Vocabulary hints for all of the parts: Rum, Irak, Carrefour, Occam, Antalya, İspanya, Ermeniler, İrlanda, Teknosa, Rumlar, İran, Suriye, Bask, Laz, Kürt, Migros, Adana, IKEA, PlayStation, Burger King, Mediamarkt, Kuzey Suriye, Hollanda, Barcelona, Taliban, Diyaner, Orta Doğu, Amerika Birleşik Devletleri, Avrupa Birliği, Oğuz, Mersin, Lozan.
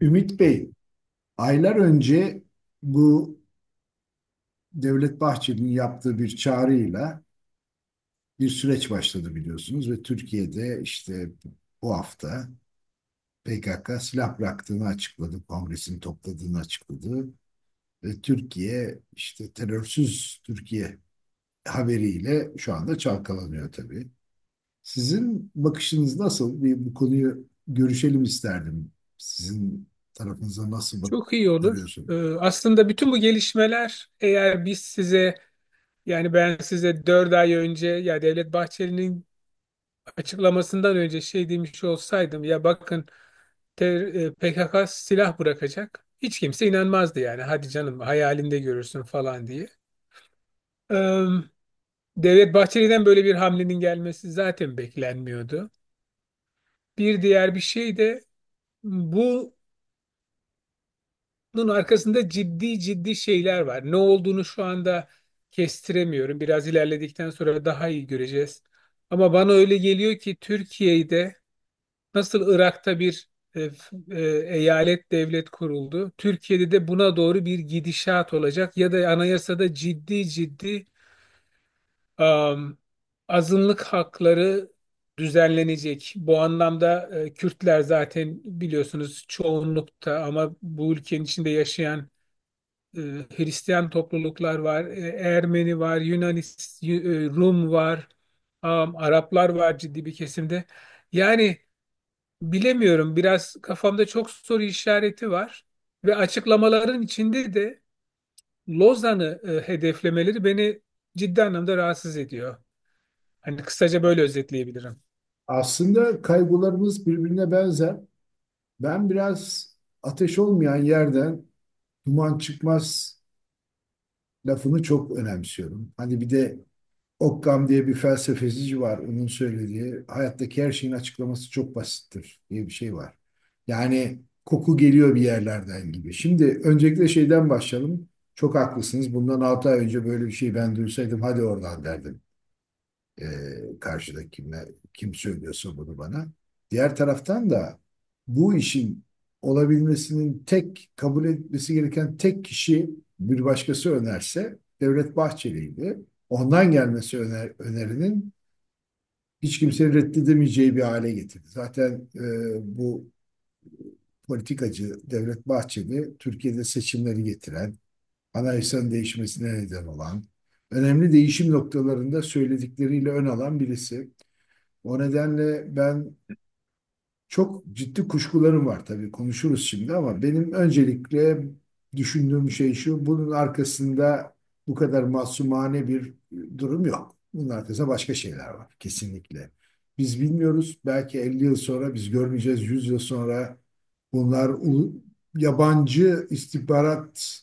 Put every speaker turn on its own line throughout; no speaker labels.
Ümit Bey, aylar önce bu Devlet Bahçeli'nin yaptığı bir çağrıyla bir süreç başladı biliyorsunuz ve Türkiye'de işte bu hafta PKK silah bıraktığını açıkladı, kongresini topladığını açıkladı ve Türkiye işte terörsüz Türkiye haberiyle şu anda çalkalanıyor tabii. Sizin bakışınız nasıl? Bir bu konuyu görüşelim isterdim. Sizin tarafınıza nasıl
Çok iyi olur.
görüyorsunuz?
Ee, aslında bütün bu gelişmeler eğer biz size yani ben size 4 ay önce ya Devlet Bahçeli'nin açıklamasından önce şey demiş olsaydım ya bakın PKK silah bırakacak. Hiç kimse inanmazdı yani hadi canım hayalinde görürsün falan diye. Ee, Devlet Bahçeli'den böyle bir hamlenin gelmesi zaten beklenmiyordu. Bir diğer bir şey de bu bunun arkasında ciddi ciddi şeyler var. Ne olduğunu şu anda kestiremiyorum. Biraz ilerledikten sonra daha iyi göreceğiz. Ama bana öyle geliyor ki Türkiye'de nasıl Irak'ta bir e, eyalet devlet kuruldu. Türkiye'de de buna doğru bir gidişat olacak ya da anayasada ciddi ciddi am, azınlık hakları düzenlenecek. Bu anlamda Kürtler zaten biliyorsunuz çoğunlukta ama bu ülkenin içinde yaşayan e, Hristiyan topluluklar var, Ermeni var, Rum var, Araplar var ciddi bir kesimde. Yani bilemiyorum, biraz kafamda çok soru işareti var ve açıklamaların içinde de Lozan'ı hedeflemeleri beni ciddi anlamda rahatsız ediyor. Hani kısaca böyle özetleyebilirim.
Aslında kaygılarımız birbirine benzer. Ben biraz ateş olmayan yerden duman çıkmaz lafını çok önemsiyorum. Hani bir de Occam diye bir felsefeci var. Onun söylediği hayattaki her şeyin açıklaması çok basittir diye bir şey var. Yani koku geliyor bir yerlerden gibi. Şimdi öncelikle şeyden başlayalım. Çok haklısınız. Bundan 6 ay önce böyle bir şey ben duysaydım hadi oradan derdim. E, Karşıdaki kimle, kim söylüyorsa bunu bana. Diğer taraftan da bu işin olabilmesinin tek kabul etmesi gereken tek kişi bir başkası önerse Devlet Bahçeli'ydi. Ondan gelmesi önerinin hiç kimsenin reddedemeyeceği bir hale getirdi. Zaten bu politikacı Devlet Bahçeli Türkiye'de seçimleri getiren, anayasanın değişmesine neden olan, önemli değişim noktalarında söyledikleriyle ön alan birisi. O nedenle ben çok ciddi kuşkularım var tabii konuşuruz şimdi ama benim öncelikle düşündüğüm şey şu, bunun arkasında bu kadar masumane bir durum yok. Bunun arkasında başka şeyler var kesinlikle. Biz bilmiyoruz. Belki 50 yıl sonra biz görmeyeceğiz. 100 yıl sonra bunlar yabancı istihbarat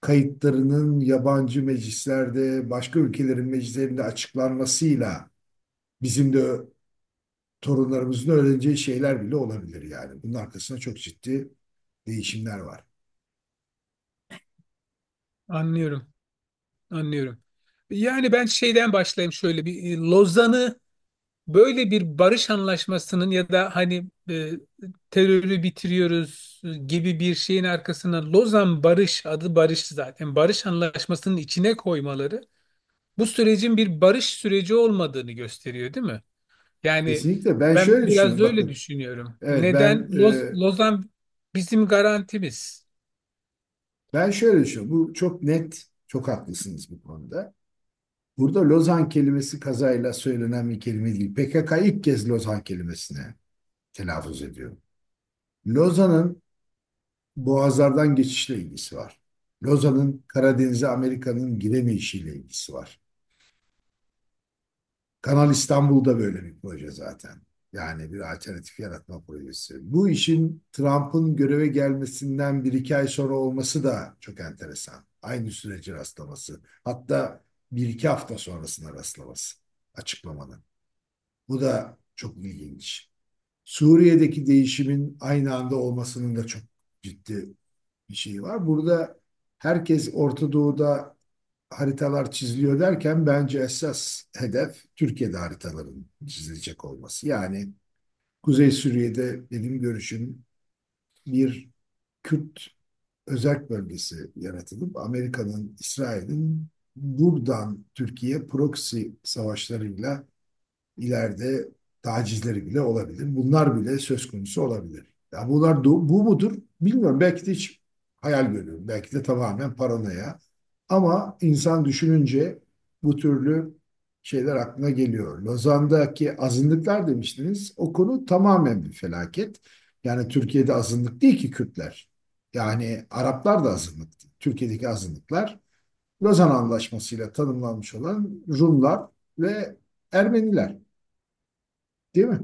kayıtlarının yabancı meclislerde, başka ülkelerin meclislerinde açıklanmasıyla bizim de torunlarımızın öğreneceği şeyler bile olabilir yani. Bunun arkasında çok ciddi değişimler var.
Anlıyorum, anlıyorum. Yani ben şeyden başlayayım, şöyle bir Lozan'ı, böyle bir barış anlaşmasının ya da hani terörü bitiriyoruz gibi bir şeyin arkasına Lozan Barış adı, barış zaten, barış anlaşmasının içine koymaları bu sürecin bir barış süreci olmadığını gösteriyor, değil mi? Yani
Kesinlikle ben
ben
şöyle
biraz
düşünüyorum.
öyle
Bakın,
düşünüyorum.
evet
Neden
ben e,
Lozan bizim garantimiz?
ben şöyle düşünüyorum. Bu çok net, çok haklısınız bu konuda. Burada Lozan kelimesi kazayla söylenen bir kelime değil. PKK ilk kez Lozan kelimesine telaffuz ediyor. Lozan'ın boğazlardan geçişle ilgisi var. Lozan'ın Karadeniz'e Amerika'nın giremeyişiyle ilgisi var. Kanal İstanbul'da böyle bir proje zaten. Yani bir alternatif yaratma projesi. Bu işin Trump'ın göreve gelmesinden bir iki ay sonra olması da çok enteresan. Aynı süreci rastlaması. Hatta bir iki hafta sonrasına rastlaması açıklamanın. Bu da çok ilginç. Suriye'deki değişimin aynı anda olmasının da çok ciddi bir şeyi var. Burada herkes Orta Doğu'da haritalar çiziliyor derken bence esas hedef Türkiye'de haritaların çizilecek olması. Yani Kuzey Suriye'de benim görüşüm bir Kürt özerk bölgesi yaratılıp Amerika'nın, İsrail'in buradan Türkiye proxy savaşlarıyla ileride tacizleri bile olabilir. Bunlar bile söz konusu olabilir. Ya bunlar bu mudur? Bilmiyorum. Belki de hiç hayal görüyorum. Belki de tamamen paranoya. Ama insan düşününce bu türlü şeyler aklına geliyor. Lozan'daki azınlıklar demiştiniz. O konu tamamen bir felaket. Yani Türkiye'de azınlık değil ki Kürtler. Yani Araplar da azınlıktı. Türkiye'deki azınlıklar Lozan Anlaşması'yla tanımlanmış olan Rumlar ve Ermeniler. Değil mi?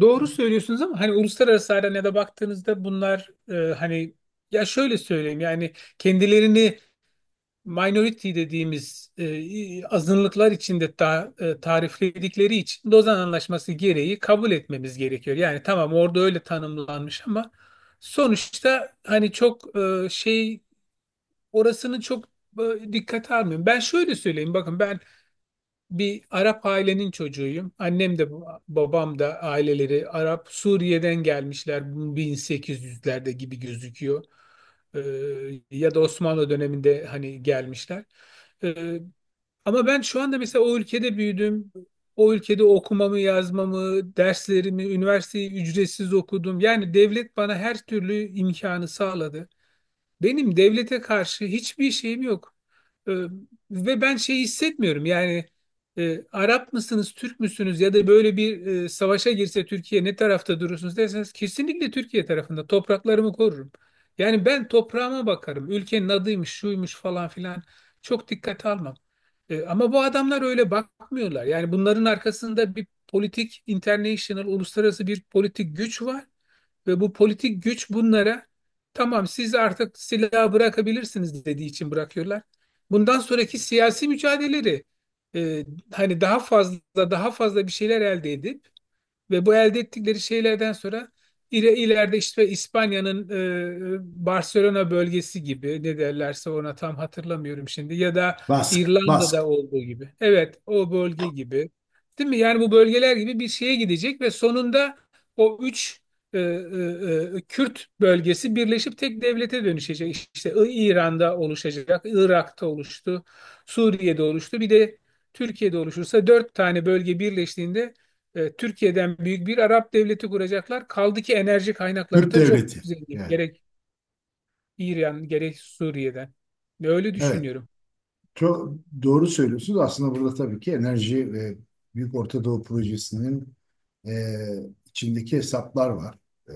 Doğru söylüyorsunuz ama hani uluslararası arenaya baktığınızda bunlar hani, ya şöyle söyleyeyim, yani kendilerini minority dediğimiz azınlıklar içinde tarifledikleri için Lozan Anlaşması gereği kabul etmemiz gerekiyor. Yani tamam orada öyle tanımlanmış ama sonuçta hani çok orasını çok dikkate almıyorum. Ben şöyle söyleyeyim, bakın ben bir Arap ailenin çocuğuyum. Annem de babam da aileleri Arap, Suriye'den gelmişler 1800'lerde gibi gözüküyor. Ee, ya da Osmanlı döneminde hani gelmişler. Ee, ama ben şu anda mesela o ülkede büyüdüm. O ülkede okumamı, yazmamı, derslerimi, üniversiteyi ücretsiz okudum. Yani devlet bana her türlü imkanı sağladı. Benim devlete karşı hiçbir şeyim yok. Ee, ve ben şey hissetmiyorum, yani Arap mısınız, Türk müsünüz ya da böyle bir savaşa girse Türkiye ne tarafta durursunuz derseniz kesinlikle Türkiye tarafında topraklarımı korurum. Yani ben toprağıma bakarım. Ülkenin adıymış, şuymuş falan filan, çok dikkate almam. Ama bu adamlar öyle bakmıyorlar. Yani bunların arkasında bir politik, international, uluslararası bir politik güç var. Ve bu politik güç bunlara tamam siz artık silahı bırakabilirsiniz dediği için bırakıyorlar. Bundan sonraki siyasi mücadeleleri e, hani daha fazla daha fazla bir şeyler elde edin. Ve bu elde ettikleri şeylerden sonra ileride işte İspanya'nın Barcelona bölgesi gibi, ne derlerse ona, tam hatırlamıyorum şimdi, ya da
Bask, Bask,
İrlanda'da olduğu gibi. Evet, o bölge gibi. Değil mi? Yani bu bölgeler gibi bir şeye gidecek ve sonunda o üç Kürt bölgesi birleşip tek devlete dönüşecek. İşte İran'da oluşacak, Irak'ta oluştu, Suriye'de oluştu. Bir de Türkiye'de oluşursa dört tane bölge birleştiğinde Türkiye'den büyük bir Arap devleti kuracaklar. Kaldı ki enerji kaynakları
Kürt
da çok
devleti.
zengin.
Yani
Gerek İran, gerek Suriye'den. Ve öyle
evet.
düşünüyorum.
Çok doğru söylüyorsunuz. Aslında burada tabii ki enerji ve Büyük Orta Doğu Projesi'nin e, içindeki hesaplar var. E,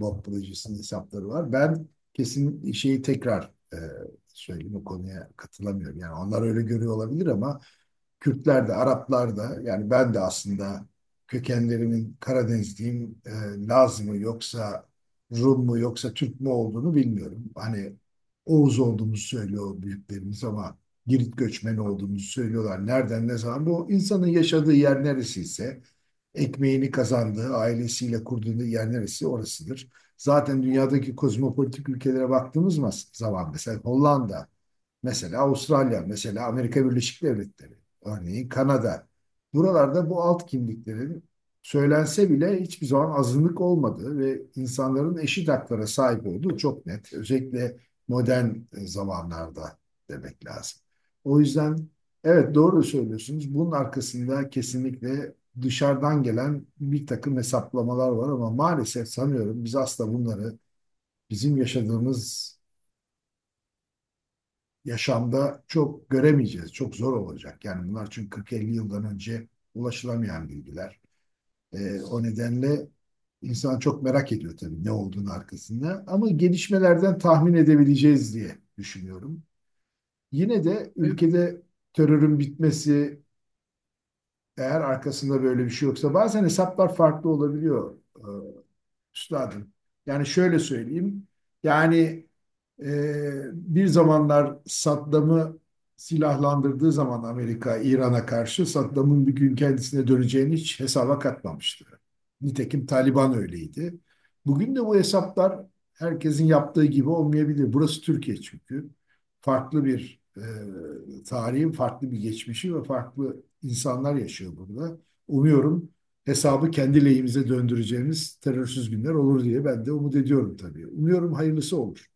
BOP projesinin hesapları var. Ben kesin şeyi tekrar söyleyeyim o konuya katılamıyorum. Yani onlar öyle görüyor olabilir ama Kürtler de, Araplar da yani ben de aslında kökenlerimin Karadenizliyim, Laz mı yoksa Rum mu yoksa Türk mü olduğunu bilmiyorum. Hani Oğuz olduğumuzu söylüyor büyüklerimiz ama Girit göçmeni olduğumuzu söylüyorlar. Nereden ne zaman? Bu insanın yaşadığı yer neresiyse, ekmeğini kazandığı, ailesiyle kurduğu yer neresi orasıdır. Zaten dünyadaki kozmopolitik ülkelere baktığımız zaman mesela Hollanda, mesela Avustralya, mesela Amerika Birleşik Devletleri, örneğin Kanada. Buralarda bu alt kimliklerin söylense bile hiçbir zaman azınlık olmadığı ve insanların eşit haklara sahip olduğu çok net. Özellikle modern zamanlarda demek lazım. O yüzden evet doğru söylüyorsunuz. Bunun arkasında kesinlikle dışarıdan gelen bir takım hesaplamalar var ama maalesef sanıyorum biz asla bunları bizim yaşadığımız yaşamda çok göremeyeceğiz. Çok zor olacak. Yani bunlar çünkü 40-50 yıldan önce ulaşılamayan bilgiler. O nedenle insan çok merak ediyor tabii ne olduğunu arkasında. Ama gelişmelerden tahmin edebileceğiz diye düşünüyorum. Yine de
E,
ülkede terörün bitmesi eğer arkasında böyle bir şey yoksa bazen hesaplar farklı olabiliyor. Üstadım. Yani şöyle söyleyeyim. Yani e, bir zamanlar Saddam'ı silahlandırdığı zaman Amerika İran'a karşı Saddam'ın bir gün kendisine döneceğini hiç hesaba katmamıştı. Nitekim Taliban öyleydi. Bugün de bu hesaplar herkesin yaptığı gibi olmayabilir. Burası Türkiye çünkü. Farklı bir tarihin farklı bir geçmişi ve farklı insanlar yaşıyor burada. Umuyorum hesabı kendi lehimize döndüreceğimiz terörsüz günler olur diye ben de umut ediyorum tabii. Umuyorum hayırlısı olur.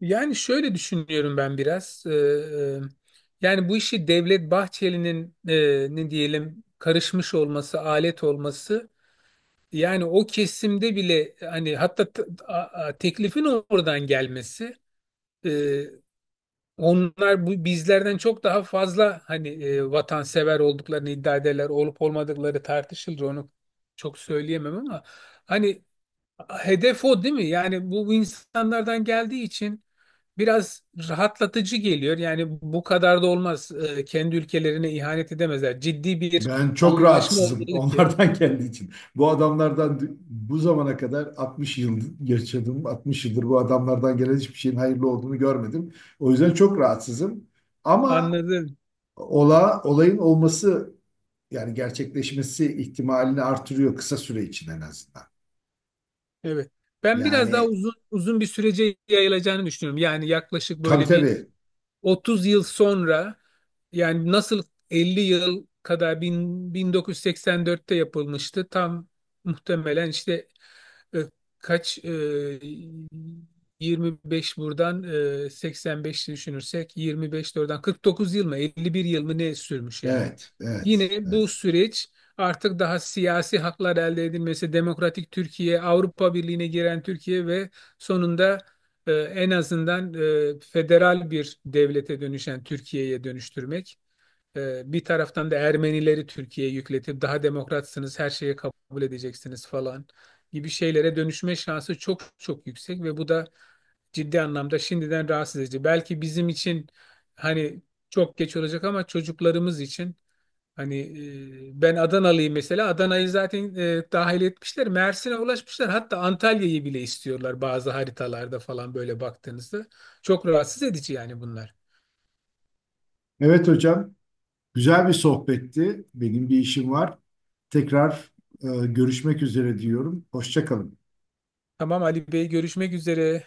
Yani şöyle düşünüyorum ben biraz. Yani bu işi Devlet Bahçeli'nin ne diyelim karışmış olması, alet olması, yani o kesimde bile hani, hatta teklifin oradan gelmesi. e, Onlar bu bizlerden çok daha fazla hani vatansever olduklarını iddia ederler. Olup olmadıkları tartışılır. Onu çok söyleyemem ama hani hedef o değil mi? Yani bu, bu insanlardan geldiği için biraz rahatlatıcı geliyor. Yani bu kadar da olmaz. Kendi ülkelerine ihanet edemezler. Ciddi bir
Ben çok
anlaşma
rahatsızım
olmalı ki.
onlardan kendi için. Bu adamlardan bu zamana kadar 60 yıl yaşadım. 60 yıldır bu adamlardan gelen hiçbir şeyin hayırlı olduğunu görmedim. O yüzden çok rahatsızım. Ama
Anladım.
olayın olması yani gerçekleşmesi ihtimalini artırıyor kısa süre için en azından.
Evet. Ben biraz daha
Yani
uzun uzun bir sürece yayılacağını düşünüyorum. Yani yaklaşık
tabii
böyle bir
tabii.
30 yıl sonra, yani nasıl 50 yıl kadar, 1984'te yapılmıştı. Tam muhtemelen işte e, kaç 25 buradan, 85 düşünürsek, 25 de oradan, 49 yıl mı 51 yıl mı ne sürmüş yani.
Evet, evet,
Yine bu
evet.
süreç artık daha siyasi haklar elde edilmesi, demokratik Türkiye, Avrupa Birliği'ne giren Türkiye ve sonunda en azından federal bir devlete dönüşen Türkiye'ye dönüştürmek. Bir taraftan da Ermenileri Türkiye'ye yükletip daha demokratsınız, her şeye kabul edeceksiniz falan gibi şeylere dönüşme şansı çok çok yüksek ve bu da ciddi anlamda şimdiden rahatsız edici. Belki bizim için hani çok geç olacak ama çocuklarımız için. Hani ben Adanalıyım mesela. Adana'yı zaten dahil etmişler. Mersin'e ulaşmışlar. Hatta Antalya'yı bile istiyorlar, bazı haritalarda falan böyle baktığınızda. Çok rahatsız edici yani bunlar.
Evet hocam. Güzel bir sohbetti. Benim bir işim var. Tekrar görüşmek üzere diyorum. Hoşça kalın.
Tamam Ali Bey, görüşmek üzere.